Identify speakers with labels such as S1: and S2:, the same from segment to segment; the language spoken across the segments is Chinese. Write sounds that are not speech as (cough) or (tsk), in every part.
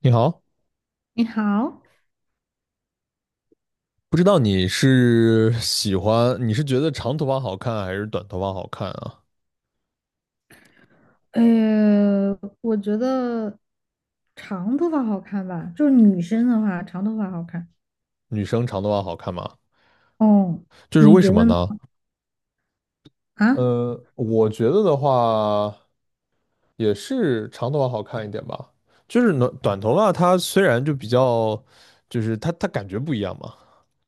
S1: 你好，
S2: 你好，
S1: 不知道你是喜欢，你是觉得长头发好看还是短头发好看啊？
S2: 呃，我觉得长头发好看吧，就是女生的话，长头发好看。
S1: 女生长头发好看吗？
S2: 哦，
S1: 就是
S2: 你
S1: 为什
S2: 觉
S1: 么
S2: 得呢？
S1: 呢？
S2: 啊，
S1: 我觉得的话也是长头发好看一点吧。就是短头发，它虽然就比较，就是它感觉不一样嘛。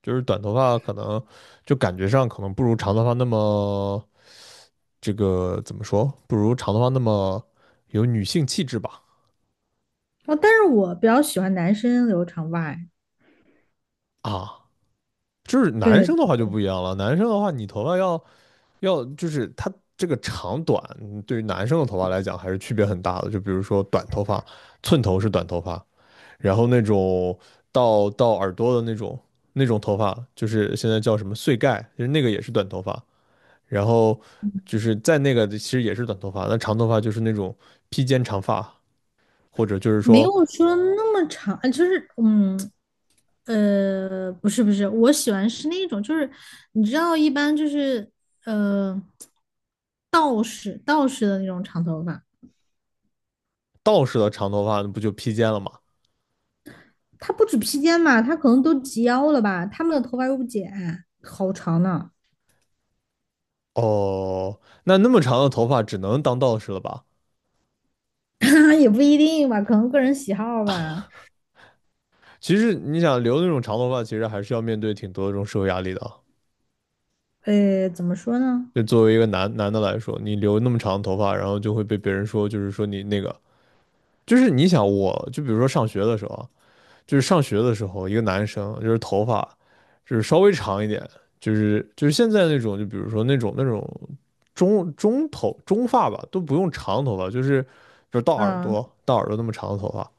S1: 就是短头发可能就感觉上可能不如长头发那么这个怎么说？不如长头发那么有女性气质吧？
S2: 哦，但是我比较喜欢男生留长发，哎，
S1: 啊。就是男
S2: 对，
S1: 生的话就不一样了，男生的话你头发要就是他这个长短，嗯对于男生的头发来讲还是区别很大的。就比如说短头发，寸头是短头发，然后那种到耳朵的那种那种头发，就是现在叫什么碎盖，就是那个也是短头发。然后就是在那个其实也是短头发，那长头发就是那种披肩长发，或者就是
S2: 没有
S1: 说
S2: 说那么长，就是不是，我喜欢是那种，就是你知道，一般就是呃，道士的那种长头发。
S1: 道士的长头发那不就披肩了吗？
S2: 他不止披肩嘛，他可能都及腰了吧？他们的头发又不剪，好长呢
S1: 哦，那那么长的头发只能当道士了吧？
S2: (laughs)，也不一定吧，可能个人喜好吧。
S1: 其实你想留那种长头发，其实还是要面对挺多的这种社会压力的啊。
S2: 怎么说呢？
S1: 就作为一个男的来说，你留那么长的头发，然后就会被别人说，就是说你那个，就是你想我，就比如说上学的时候啊，就是上学的时候，一个男生就是头发就是稍微长一点，就是现在那种，就比如说那种中头中发吧，都不用长头发，就是到耳
S2: 嗯
S1: 朵到耳朵那么长的头发，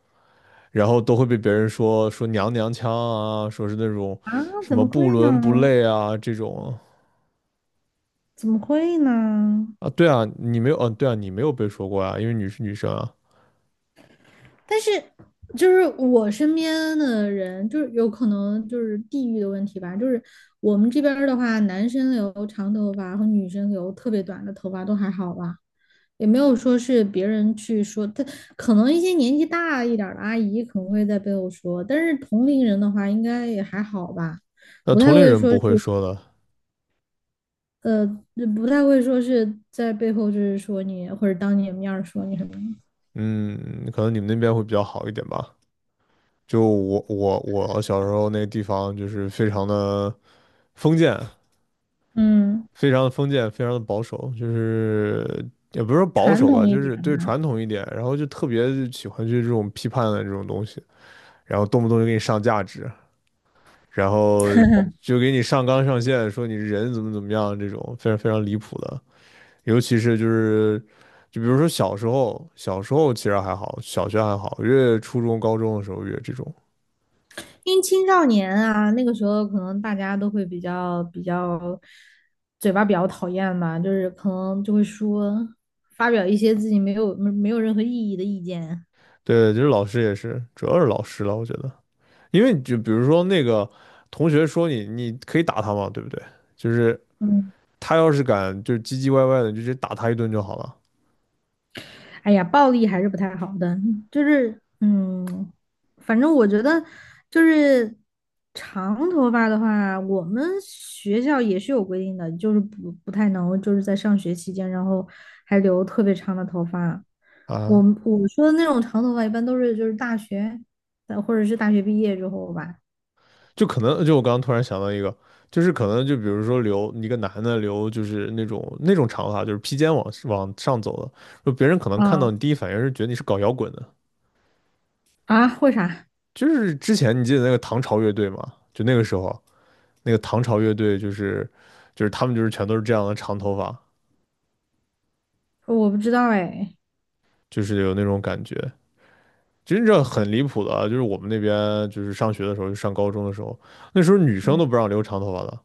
S1: 然后都会被别人说娘娘腔啊，说是那种
S2: 啊，
S1: 什
S2: 怎
S1: 么
S2: 么
S1: 不
S2: 会
S1: 伦不
S2: 呢？
S1: 类啊这种
S2: 怎么会呢？
S1: 啊，对啊，你没有，嗯、对啊，你没有被说过啊，因为你是女生啊，
S2: 但是就是我身边的人，就是有可能就是地域的问题吧。就是我们这边儿的话，男生留长头发和女生留特别短的头发都还好吧。也没有说是别人去说他，可能一些年纪大一点的阿姨可能会在背后说，但是同龄人的话应该也还好吧，
S1: 那
S2: 不太
S1: 同龄
S2: 会
S1: 人
S2: 说
S1: 不
S2: 是
S1: 会说的，
S2: 呃，不太会说是在背后就是说你或者当你的面儿说你什么的，
S1: 嗯，可能你们那边会比较好一点吧。就我小时候那个地方就是非常的封建，
S2: 嗯，
S1: 非常的封建，非常的保守，就是也不是说保
S2: 传
S1: 守吧，
S2: 统一
S1: 就
S2: 点
S1: 是对
S2: 的，
S1: 传统一点，然后就特别喜欢去这种批判的这种东西，然后动不动就给你上价值。然后就给你上纲上线，说你人怎么怎么样，这种非常非常离谱的。尤其是就是，就比如说小时候，小时候其实还好，小学还好，越初中、高中的时候越这种。
S2: 因为青少年啊，那个时候可能大家都会比较嘴巴比较讨厌吧，就是可能就会说发表一些自己没有任何意义的意见，
S1: 对，就是老师也是，主要是老师了，我觉得，因为就比如说那个同学说你，你可以打他嘛，对不对？就是
S2: 嗯。
S1: 他要是敢就是唧唧歪歪的，你就直接打他一顿就好了
S2: 哎呀，暴力还是不太好的，就是反正我觉得就是长头发的话，我们学校也是有规定的，就是不太能就是在上学期间，然后还留特别长的头发。我
S1: 啊。
S2: 我说的那种长头发，一般都是就是大学，或者是大学毕业之后吧。
S1: 就可能就我刚刚突然想到一个，就是可能就比如说留一个男的留就是那种长发，就是披肩往上走的，就别人可能看到
S2: 啊
S1: 你第一反应是觉得你是搞摇滚的，
S2: 啊，为啥？
S1: 就是之前你记得那个唐朝乐队吗？就那个时候那个唐朝乐队就是他们就是全都是这样的长头发，
S2: 我不知道哎。
S1: 就是有那种感觉。其实这很离谱的啊就是我们那边就是上学的时候，就上高中的时候，那时候女生
S2: 嗯
S1: 都不让留长头发的，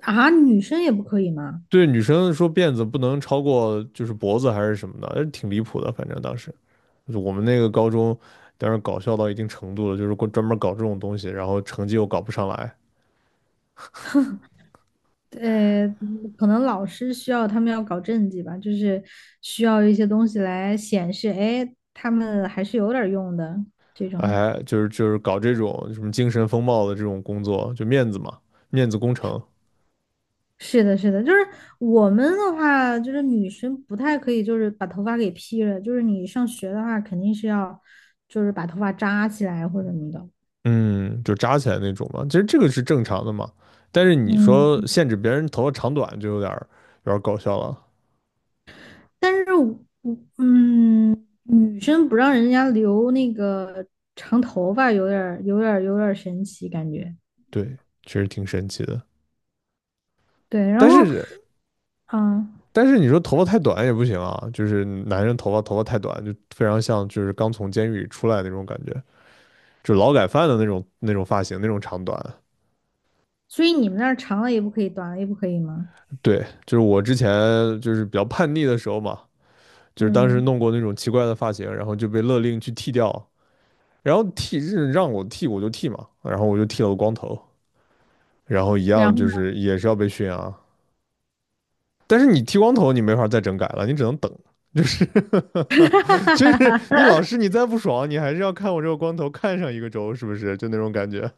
S2: 啊，女生也不可以吗？
S1: 对女生说辫子不能超过就是脖子还是什么的，挺离谱的。反正当时就是我们那个高中，当时搞笑到一定程度了，就是过专门搞这种东西，然后成绩又搞不上来，
S2: 可能老师需要他们要搞政绩吧，就是需要一些东西来显示，哎，他们还是有点儿用的这种。
S1: 哎，就是搞这种什么精神风貌的这种工作，就面子嘛，面子工程，
S2: 是的，是的，就是我们的话，就是女生不太可以，就是把头发给披了，就是你上学的话，肯定是要就是把头发扎起来或者什么的。
S1: 嗯，就扎起来那种嘛。其实这个是正常的嘛，但是你说
S2: 嗯，
S1: 限制别人头发长短，就有点儿搞笑了。
S2: 但是女生不让人家留那个长头发，有点儿神奇感觉。
S1: 对，确实挺神奇的。
S2: 对，然
S1: 但
S2: 后
S1: 是
S2: 嗯。啊，
S1: 但是你说头发太短也不行啊，就是男人头发太短，就非常像就是刚从监狱里出来的那种感觉，就是劳改犯的那种那种发型那种长短。
S2: 所以你们那儿长了也不可以，短了也不可以吗？
S1: 对，就是我之前就是比较叛逆的时候嘛，就是当时
S2: 嗯，
S1: 弄过那种奇怪的发型，然后就被勒令去剃掉，然后剃是让我剃我就剃嘛，然后我就剃了个光头，然后一
S2: 然
S1: 样
S2: 后，
S1: 就是也是要被训啊。但是你剃光头你没法再整改了，你只能等，就是 (laughs) 就是你
S2: (laughs)
S1: 老师你再不爽，你还是要看我这个光头看上一个周，是不是？就那种感觉。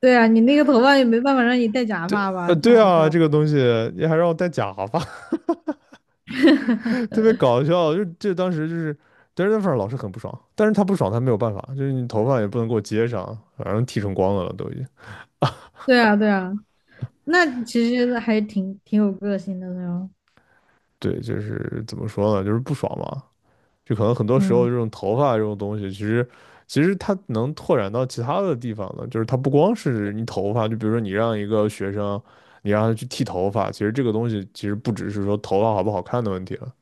S2: 对啊，你那个头发也没办法让你戴假
S1: 对，
S2: 发吧？太
S1: 对
S2: 好
S1: 啊，
S2: 笑了。
S1: 这个东西你还让我戴假发，(laughs)
S2: (laughs)
S1: 特别搞笑。就这当时就是，但是那份儿老师很不爽，但是他不爽他没有办法，就是你头发也不能给我接上，反正剃成光了都已经。
S2: 对啊，对啊，那其实还挺有个性的那种。
S1: 对，就是怎么说呢，就是不爽嘛。就可能很多时候
S2: 嗯，
S1: 这种头发这种东西，其实它能拓展到其他的地方的，就是它不光是你头发，就比如说你让一个学生，你让他去剃头发，其实这个东西其实不只是说头发好不好看的问题了。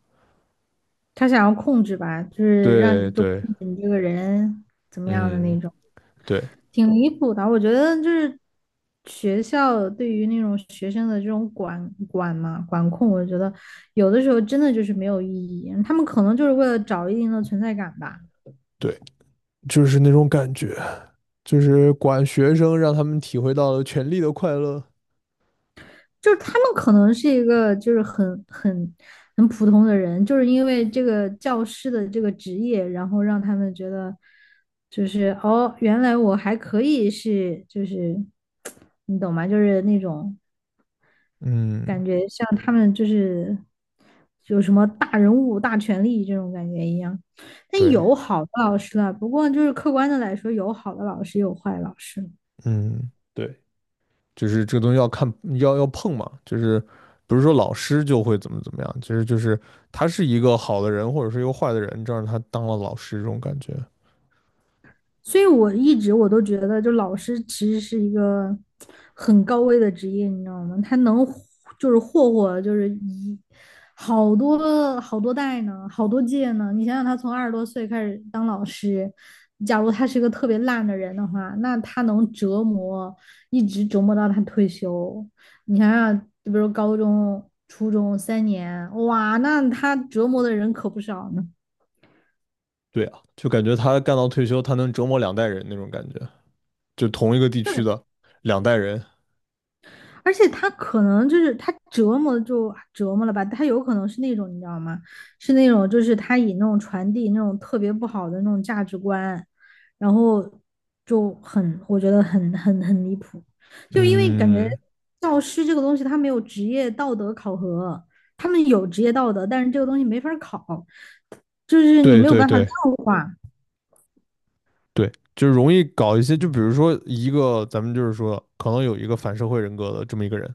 S2: 他想要控制吧，就是让
S1: 对
S2: 你就控
S1: 对，
S2: 制你这个人怎么样的
S1: 嗯，
S2: 那种。
S1: 对
S2: 挺离谱的，我觉得就是学校对于那种学生的这种管管嘛管控，我觉得有的时候真的就是没有意义。他们可能就是为了找一定的存在感吧，
S1: 对，就是那种感觉，就是管学生，让他们体会到了权力的快乐。
S2: 就是他们可能是一个就是很普通的人，就是因为这个教师的这个职业，然后让他们觉得就是哦，原来我还可以是就是 (tsk) 你懂吗？就是那种。
S1: 嗯，
S2: 有什么大人物、大权力这种感觉一样。但
S1: 对，
S2: 有好的老师了，不过就是客观的来说，有好的老师，有坏老师。
S1: 嗯，对。就是这个东西要看要碰嘛，就是不是说老师就会怎么怎么样，其实就是他是一个好的人或者是一个坏的人，这让他当了老师这种感觉。
S2: 所以我一直我都觉得，就老师其实是一个很高危的职业，你知道吗？他能就是霍霍，就是一好多好多代呢，好多届呢。你想想，他从20多岁开始当老师，假如他是一个特别烂的人的话，那他能折磨，一直折磨到他退休。你想想，就比如高中、初中3年，哇，那他折磨的人可不少呢。
S1: 对啊，就感觉他干到退休，他能折磨两代人那种感觉，就同一个地区的两代人。
S2: 而且他可能就是他折磨就折磨了吧，他有可能是那种你知道吗？是那种就是他以那种传递那种特别不好的那种价值观，然后我觉得很离谱，就因为感觉
S1: 嗯，
S2: 教师这个东西他没有职业道德考核，他们有职业道德，但是这个东西没法考，就是你
S1: 对
S2: 没有
S1: 对
S2: 办法量
S1: 对
S2: 化，
S1: 对，就容易搞一些，就比如说一个咱们就是说可能有一个反社会人格的这么一个人，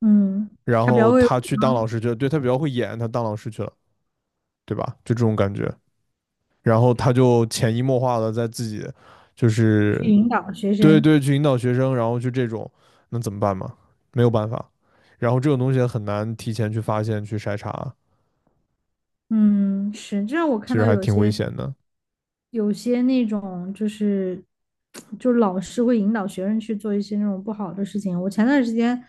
S2: 嗯，
S1: 然
S2: 他比较
S1: 后
S2: 会
S1: 他去当老师去了，对他比较会演，他当老师去了，对吧？就这种感觉。然后他就潜移默化的在自己就
S2: 去
S1: 是
S2: 引导学
S1: 对
S2: 生，
S1: 对去引导学生，然后就这种，那怎么办嘛？没有办法。然后这种东西很难提前去发现、去筛查，
S2: 嗯，是，这让我
S1: 其
S2: 看
S1: 实
S2: 到
S1: 还
S2: 有
S1: 挺危
S2: 些。
S1: 险的。
S2: 有些那种就是，就老师会引导学生去做一些那种不好的事情。我前段时间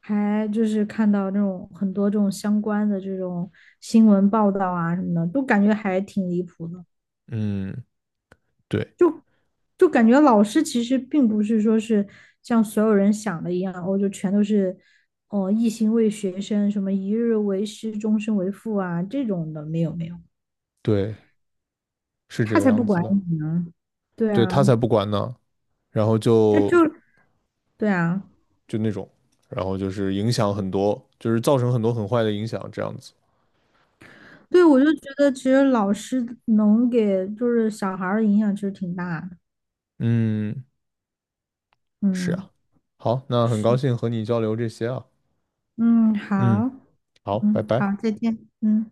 S2: 还就是看到那种很多这种相关的这种新闻报道啊什么的，都感觉还挺离谱的。
S1: 嗯，对
S2: 就就感觉老师其实并不是说是像所有人想的一样，我就全都是哦一心为学生，什么一日为师，终身为父啊这种的，没有没有，
S1: 对，是这
S2: 他
S1: 个
S2: 才不
S1: 样子
S2: 管
S1: 的。
S2: 你呢。对
S1: 对他才
S2: 啊，
S1: 不管呢，然后
S2: 他
S1: 就
S2: 就对啊。
S1: 就那种，然后就是影响很多，就是造成很多很坏的影响，这样子。
S2: 对，我就觉得其实老师能给就是小孩儿的影响其实挺大的。
S1: 嗯，是
S2: 嗯，
S1: 啊。好，那很
S2: 是，
S1: 高兴和你交流这些啊。
S2: 嗯，
S1: 嗯，
S2: 好，
S1: 好，拜
S2: 嗯，好，
S1: 拜。
S2: 再见，嗯。